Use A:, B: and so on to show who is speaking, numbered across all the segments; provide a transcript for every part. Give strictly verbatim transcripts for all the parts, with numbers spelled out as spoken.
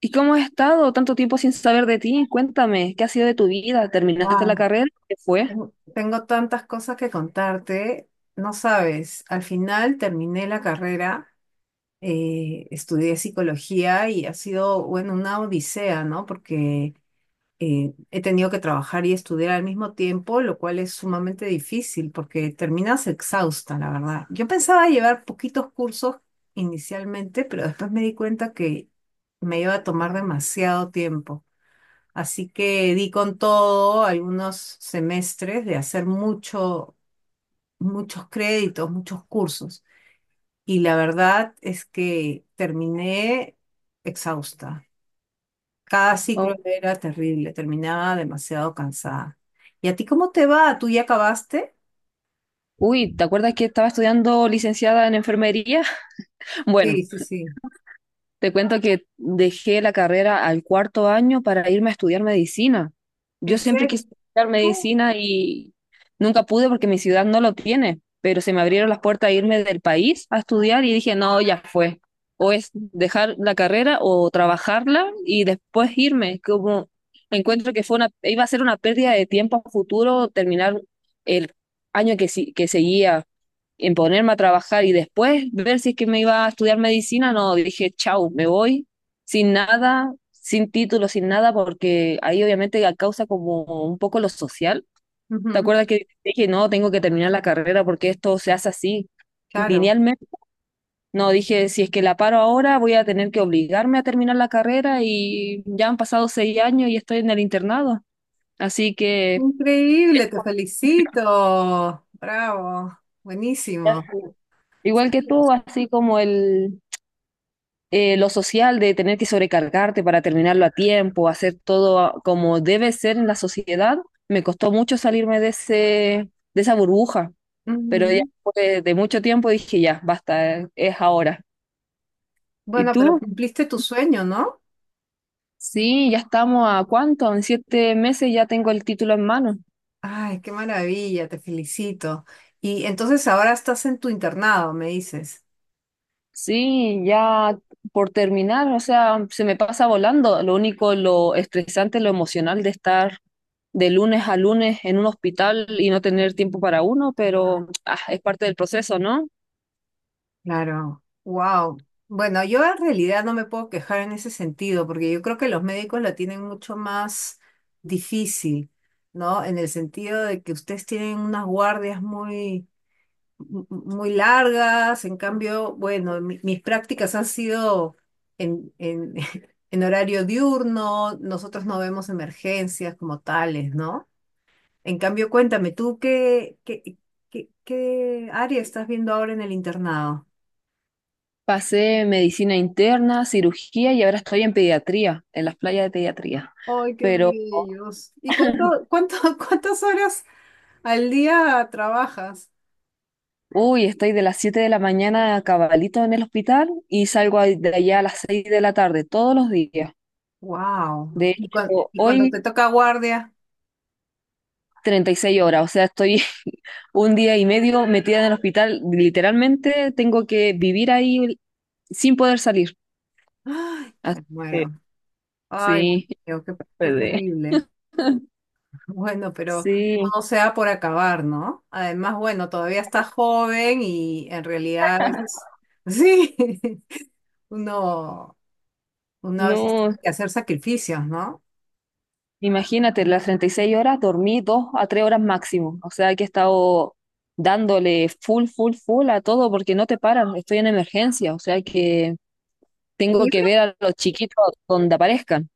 A: ¿Y cómo has estado tanto tiempo sin saber de ti? Cuéntame, ¿qué ha sido de tu vida? ¿Terminaste la
B: Wow,
A: carrera? ¿Qué fue?
B: tengo, tengo tantas cosas que contarte, no sabes, al final terminé la carrera, eh, estudié psicología y ha sido, bueno, una odisea, ¿no? Porque eh, he tenido que trabajar y estudiar al mismo tiempo, lo cual es sumamente difícil porque terminas exhausta, la verdad. Yo pensaba llevar poquitos cursos inicialmente, pero después me di cuenta que me iba a tomar demasiado tiempo. Así que di con todo algunos semestres de hacer mucho, muchos créditos, muchos cursos. Y la verdad es que terminé exhausta. Cada ciclo
A: Oh.
B: era terrible, terminaba demasiado cansada. ¿Y a ti cómo te va? ¿Tú ya acabaste?
A: Uy, ¿te acuerdas que estaba estudiando licenciada en enfermería? Bueno,
B: Sí, sí, sí.
A: te cuento que dejé la carrera al cuarto año para irme a estudiar medicina.
B: ¿En
A: Yo siempre
B: serio?
A: quise estudiar
B: Oh,
A: medicina y nunca pude porque mi ciudad no lo tiene, pero se me abrieron las puertas a irme del país a estudiar y dije, no, ya fue. O es dejar la carrera o trabajarla y después irme. Como encuentro que fue una, iba a ser una pérdida de tiempo a futuro terminar el año que, si- que seguía en ponerme a trabajar y después ver si es que me iba a estudiar medicina, no, dije, chau, me voy sin nada, sin título, sin nada, porque ahí obviamente causa como un poco lo social. ¿Te
B: ujú,
A: acuerdas que dije, no, tengo que terminar la carrera porque esto se hace así,
B: claro.
A: linealmente? No, dije, si es que la paro ahora, voy a tener que obligarme a terminar la carrera y ya han pasado seis años y estoy en el internado. Así que,
B: Increíble, te felicito. Bravo, buenísimo.
A: igual que tú, así como el, eh, lo social de tener que sobrecargarte para terminarlo a tiempo, hacer todo a- como debe ser en la sociedad, me costó mucho salirme de ese, de esa burbuja, pero ya
B: Ujú.
A: después de mucho tiempo dije, ya, basta, eh, es ahora. ¿Y
B: Bueno, pero
A: tú?
B: cumpliste tu sueño, ¿no?
A: Sí, ya estamos a cuánto, en siete meses ya tengo el título en mano.
B: Ay, qué maravilla, te felicito. Y entonces ahora estás en tu internado, me dices.
A: Sí, ya por terminar, o sea, se me pasa volando. Lo único, lo estresante, lo emocional de estar de lunes a lunes en un hospital y no tener tiempo para uno, pero ah, es parte del proceso, ¿no?
B: Claro, wow. Bueno, yo en realidad no me puedo quejar en ese sentido, porque yo creo que los médicos la tienen mucho más difícil, ¿no? En el sentido de que ustedes tienen unas guardias muy mu- muy largas. En cambio, bueno, mi- mis prácticas han sido en, en, en horario diurno, nosotros no vemos emergencias como tales, ¿no? En cambio, cuéntame, ¿tú qué, qué, qué, qué área estás viendo ahora en el internado?
A: Pasé medicina interna, cirugía y ahora estoy en pediatría, en las playas de pediatría.
B: ¡Ay, qué
A: Pero,
B: bellos! ¿Y cuánto, cuánto, cuántas horas al día trabajas?
A: uy, estoy de las siete de la mañana a cabalito en el hospital y salgo ahí- de allá a las seis de la tarde todos los días.
B: ¡Wow!
A: De
B: ¿Y, cuan-
A: hecho,
B: y cuando
A: hoy
B: te toca guardia?
A: treinta y seis horas, o sea, estoy un día y medio metida en el hospital, literalmente tengo que vivir ahí sin poder salir.
B: ¡Ay,
A: Ah.
B: me
A: Eh,
B: muero! ¡Ay,
A: Sí.
B: qué, qué
A: P D.
B: terrible! Bueno, pero
A: Sí,
B: no sea por acabar, ¿no? Además, bueno, todavía está joven y en realidad a veces, sí, uno, uno a veces tiene
A: no,
B: que hacer sacrificios, ¿no?
A: imagínate, las treinta y seis horas dormí dos a tres horas máximo, o sea, que he estado dándole full, full, full a todo porque no te paran, estoy en emergencia, o sea, que
B: Pero
A: tengo
B: Yo
A: que ver
B: creo,
A: a los chiquitos donde aparezcan.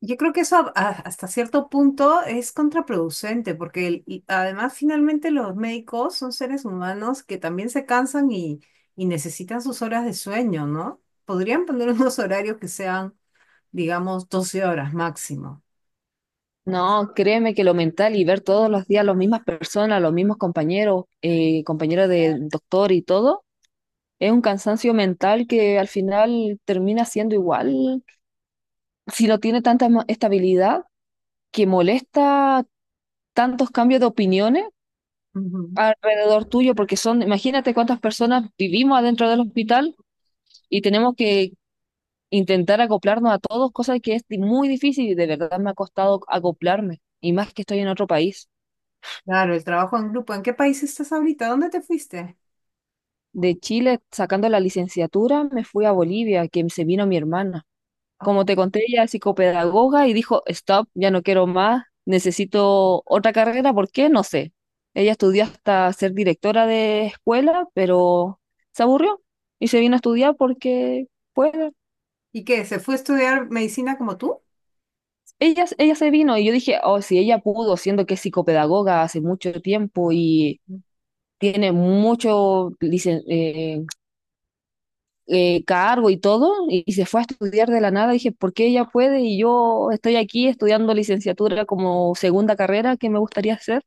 B: yo creo que eso a- a- hasta cierto punto es contraproducente, porque el- y además finalmente los médicos son seres humanos que también se cansan y, y necesitan sus horas de sueño, ¿no? Podrían poner unos horarios que sean, digamos, doce horas máximo.
A: No, créeme que lo mental y ver todos los días las mismas personas, los mismos compañeros, eh, compañeros del doctor y todo, es un cansancio mental que al final termina siendo igual, si no tiene tanta ma- estabilidad, que molesta tantos cambios de opiniones alrededor tuyo, porque son, imagínate cuántas personas vivimos adentro del hospital y tenemos que intentar acoplarnos a todos, cosa que es muy difícil y de verdad me ha costado acoplarme, y más que estoy en otro país.
B: Claro, el trabajo en grupo. ¿En qué país estás ahorita? ¿Dónde te fuiste?
A: De Chile, sacando la licenciatura, me fui a Bolivia, que se vino mi hermana. Como
B: Oh,
A: te conté, ella es psicopedagoga y dijo, stop, ya no quiero más, necesito otra carrera, ¿por qué? No sé. Ella estudió hasta ser directora de escuela, pero se aburrió y se vino a estudiar porque, pues,
B: ¿Y qué? ¿Se fue a estudiar medicina como tú?
A: ella, ella se vino y yo dije, oh, si ella pudo, siendo que es psicopedagoga hace mucho tiempo y tiene mucho licen eh, eh, cargo y todo, y, y se fue a estudiar de la nada. Dije, ¿por qué ella puede? Y yo estoy aquí estudiando licenciatura como segunda carrera que me gustaría hacer.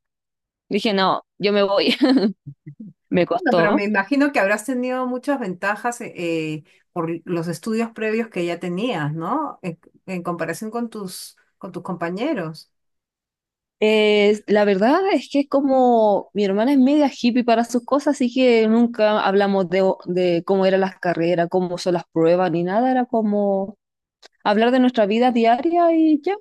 A: Dije, no, yo me voy. Me
B: Bueno, pero me
A: costó.
B: imagino que habrás tenido muchas ventajas eh, eh, por los estudios previos que ya tenías, ¿no? En, en comparación con tus, con tus compañeros.
A: Eh, la verdad es que es como mi hermana es media hippie para sus cosas, así que nunca hablamos de, o- de cómo eran las carreras, cómo son las pruebas, ni nada. Era como hablar de nuestra vida diaria y ya.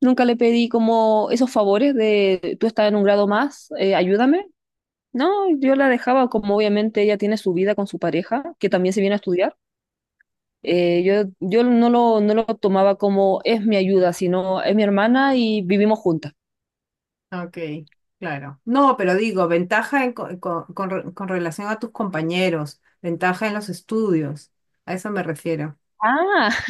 A: Nunca le pedí como esos favores de tú estás en un grado más, eh, ayúdame. No, yo la dejaba como obviamente ella tiene su vida con su pareja, que también se viene a estudiar. eh, yo yo no lo, no lo tomaba como es mi ayuda, sino es mi hermana y vivimos juntas.
B: Ok, claro. No, pero digo, ventaja en co- con, con re- con relación a tus compañeros, ventaja en los estudios. A eso me refiero.
A: Ah,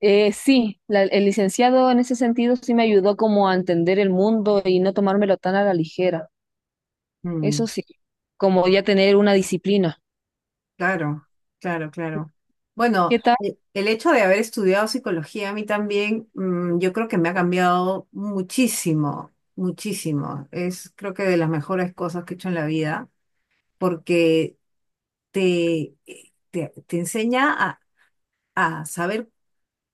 A: eh, sí, la- el licenciado en ese sentido sí me ayudó como a entender el mundo y no tomármelo tan a la ligera. Eso sí, como ya tener una disciplina.
B: Claro, claro, claro. Bueno,
A: ¿Qué tal?
B: e- el hecho de haber estudiado psicología a mí también, mm, yo creo que me ha cambiado muchísimo, muchísimo. Es creo que de las mejores cosas que he hecho en la vida, porque te, eh, te, te enseña a, a saber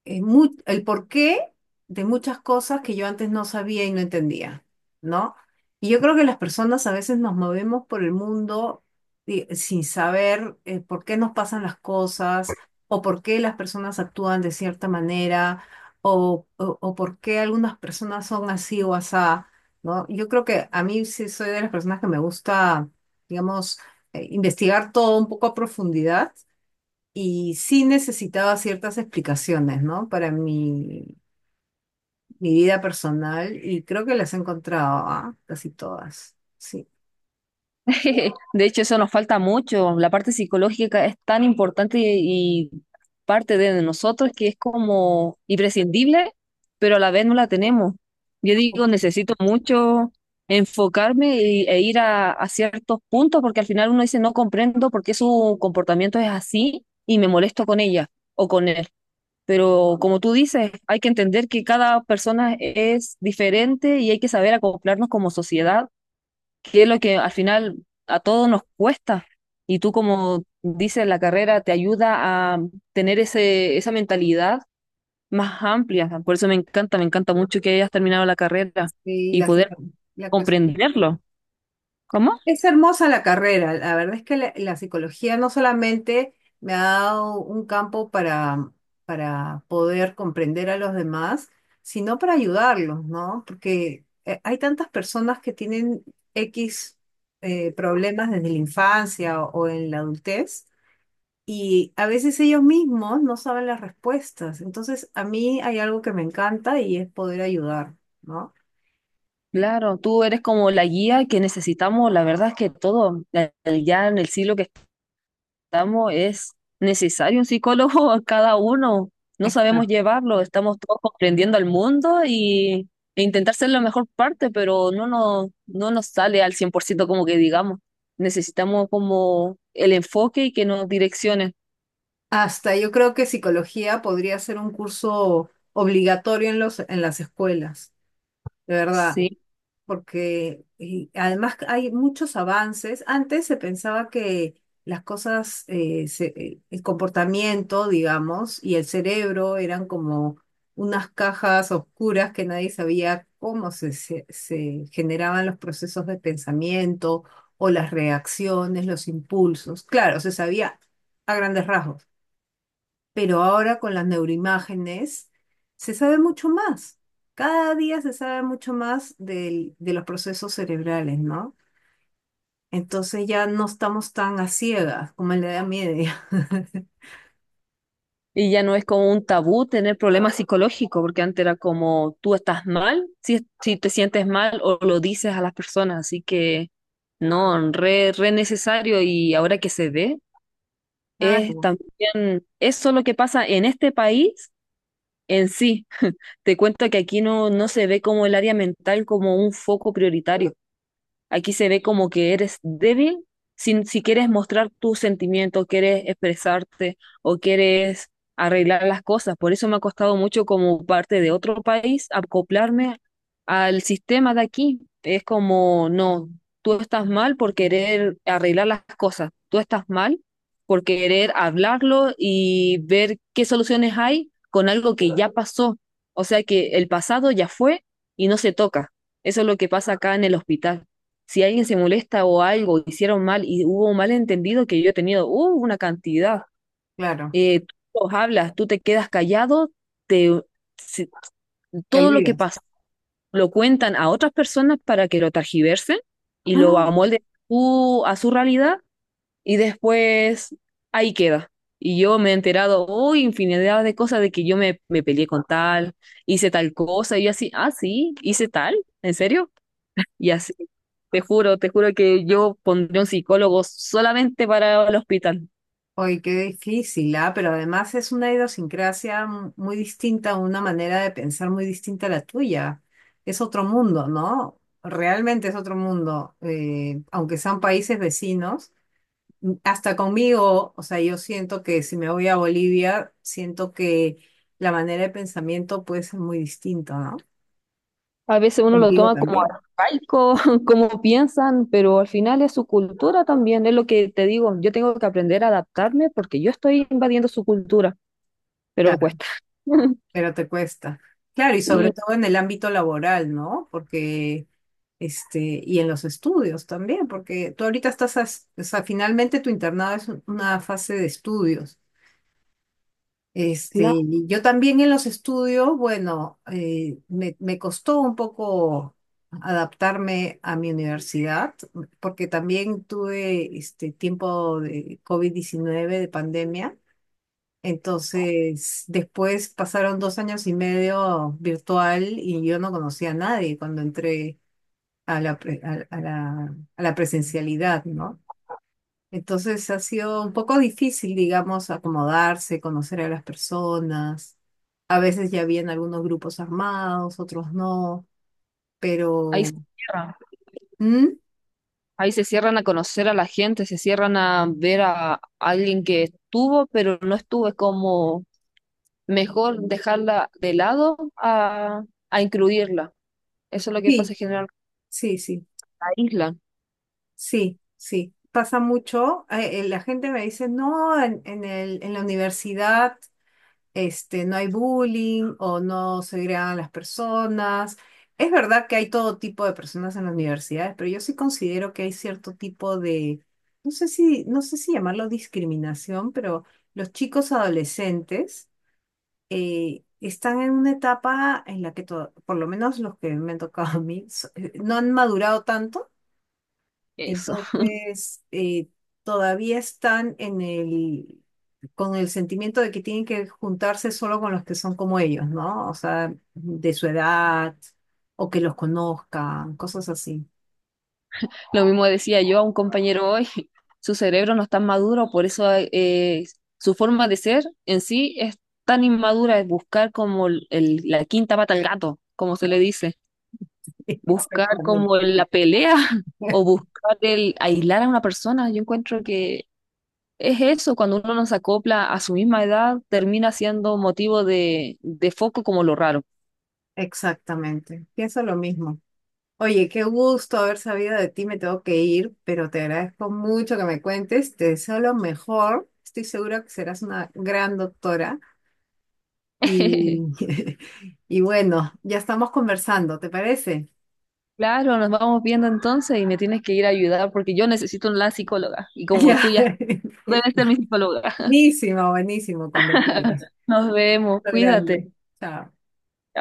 B: eh, mu- el porqué de muchas cosas que yo antes no sabía y no entendía, ¿no? Y yo creo que las personas a veces nos movemos por el mundo di- sin saber eh, por qué nos pasan las cosas o por qué las personas actúan de cierta manera o, o, o por qué algunas personas son así o asá, ¿no? Yo creo que a mí sí soy de las personas que me gusta, digamos, eh, investigar todo un poco a profundidad y sí necesitaba ciertas explicaciones, ¿no? Para mi, mi vida personal y creo que las he encontrado, ¿ah? Casi todas. Sí.
A: De hecho, eso nos falta mucho. La parte psicológica es tan importante y y parte de nosotros que es como imprescindible, pero a la vez no la tenemos. Yo digo, necesito mucho enfocarme y- e ir a, a ciertos puntos porque al final uno dice, no comprendo por qué su comportamiento es así y me molesto con ella o con él. Pero como tú dices, hay que entender que cada persona es diferente y hay que saber acoplarnos como sociedad que es lo que al final a todos nos cuesta. Y tú, como dices, la carrera te ayuda a tener ese, esa mentalidad más amplia. Por eso me encanta, me encanta mucho que hayas terminado la carrera
B: Sí,
A: y
B: la,
A: poder
B: psico- la que-
A: comprenderlo. ¿Cómo?
B: es hermosa la carrera. La verdad es que la, la psicología no solamente me ha dado un campo para, para poder comprender a los demás, sino para ayudarlos, ¿no? Porque eh, hay tantas personas que tienen equis eh, problemas desde la infancia o o en la adultez. Y a veces ellos mismos no saben las respuestas. Entonces, a mí hay algo que me encanta y es poder ayudar, ¿no?
A: Claro, tú eres como la guía que necesitamos, la verdad es que todo, eh, ya en el siglo que estamos, es necesario un psicólogo a cada uno. No sabemos
B: Exacto.
A: llevarlo, estamos todos comprendiendo al mundo y, e intentar ser la mejor parte, pero no nos, no nos sale al cien por ciento como que digamos. Necesitamos como el enfoque y que nos direccione.
B: Hasta yo creo que psicología podría ser un curso obligatorio en los, en las escuelas, de verdad.
A: Sí.
B: Porque y además hay muchos avances. Antes se pensaba que las cosas, eh, se- eh, el comportamiento, digamos, y el cerebro eran como unas cajas oscuras que nadie sabía cómo se, se- se generaban los procesos de pensamiento o las reacciones, los impulsos. Claro, se sabía a grandes rasgos, pero ahora con las neuroimágenes se sabe mucho más. Cada día se sabe mucho más del- de los procesos cerebrales, ¿no? Entonces ya no estamos tan a ciegas como en la Edad Media.
A: Y ya no es como un tabú tener problemas psicológicos, porque antes era como tú estás mal, si, si te sientes mal o lo dices a las personas, así que no, re, re necesario y ahora que se ve. Es
B: Claro,
A: también eso lo que pasa en este país en sí. Te cuento que aquí no, no se ve como el área mental como un foco prioritario. Aquí se ve como que eres débil si, si quieres mostrar tus sentimientos, quieres expresarte o quieres arreglar las cosas. Por eso me ha costado mucho como parte de otro país acoplarme al sistema de aquí. Es como, no, tú estás mal por querer arreglar las cosas, tú estás mal por querer hablarlo y ver qué soluciones hay con algo que ya pasó. O sea que el pasado ya fue y no se toca. Eso es lo que pasa acá en el hospital si alguien se molesta o algo hicieron mal y hubo un malentendido que yo he tenido, uh, una cantidad.
B: claro,
A: Eh, tú los hablas, tú te quedas callado, te, se-
B: te
A: todo lo que
B: olvidas.
A: pasa lo cuentan a otras personas para que lo targiversen y lo
B: ¡Ah!
A: amolden tú a su realidad y después ahí queda. Y yo me he enterado, oh, infinidad de cosas de que yo me, me peleé con tal, hice tal cosa, y yo así, ah, sí, hice tal, ¿en serio? Y así, te juro, te juro que yo pondré un psicólogo solamente para el hospital.
B: Oye, qué difícil, ¿ah? Pero además es una idiosincrasia mu- muy distinta, una manera de pensar muy distinta a la tuya. Es otro mundo, ¿no? Realmente es otro mundo. Eh, aunque sean países vecinos, hasta conmigo, o sea, yo siento que si me voy a Bolivia, siento que la manera de pensamiento puede ser muy distinta, ¿no?
A: A veces uno lo
B: Contigo
A: toma como
B: también.
A: arcaico, como piensan, pero al final es su cultura también, es lo que te digo, yo tengo que aprender a adaptarme porque yo estoy invadiendo su cultura, pero
B: Claro,
A: cuesta.
B: pero te cuesta. Claro, y sobre
A: Y
B: todo en el ámbito laboral, ¿no? Porque, este, y en los estudios también, porque tú ahorita estás, as- o sea, finalmente tu internado es un- una fase de estudios. Este,
A: claro,
B: y yo también en los estudios, bueno, eh, me, me costó un poco adaptarme a mi universidad, porque también tuve este tiempo de covid diecinueve de pandemia. Entonces, después pasaron dos años y medio virtual y yo no conocía a nadie cuando entré a la, pre- a a la, a la presencialidad, ¿no? Entonces ha sido un poco difícil, digamos, acomodarse, conocer a las personas. A veces ya habían algunos grupos armados, otros no,
A: ahí se
B: pero
A: cierran,
B: ¿Mm?
A: ahí se cierran a conocer a la gente, se cierran a ver a alguien que estuvo, pero no estuvo, es como mejor dejarla de lado a, a incluirla. Eso es lo que pasa
B: Sí,
A: generalmente
B: sí, sí,
A: en la isla.
B: sí, sí. Pasa mucho. Eh, eh, la gente me dice, no, en, en el, en la universidad, este, no hay bullying o no se segregan las personas. Es verdad que hay todo tipo de personas en las universidades, pero yo sí considero que hay cierto tipo de, no sé si, no sé si llamarlo discriminación, pero los chicos adolescentes eh, están en una etapa en la que, to- por lo menos los que me han tocado a mí, so- eh, no han madurado tanto,
A: Eso.
B: entonces, eh, todavía están en el, con el sentimiento de que tienen que juntarse solo con los que son como ellos, ¿no? O sea, de su edad o que los conozcan, cosas así.
A: Lo mismo decía yo a un compañero hoy. Su cerebro no está maduro, por eso eh, su forma de ser en sí es tan inmadura, es buscar como el- el- la quinta pata al gato, como se le dice. Buscar
B: Exactamente.
A: como la pelea o buscar el aislar a una persona. Yo encuentro que es eso, cuando uno no se acopla a su misma edad, termina siendo motivo de, de foco como lo raro.
B: Exactamente. Pienso lo mismo. Oye, qué gusto haber sabido de ti, me tengo que ir, pero te agradezco mucho que me cuentes, te deseo lo mejor, estoy segura que serás una gran doctora. Y, y bueno, ya estamos conversando, ¿te parece?
A: Claro, nos vamos viendo entonces y me tienes que ir a ayudar porque yo necesito una psicóloga y como
B: Ya.
A: tú ya tú
B: Qué-
A: debes ser mi psicóloga.
B: Buenísimo, buenísimo, cuando quieras.
A: Nos vemos,
B: Lo
A: cuídate.
B: grande. Chao.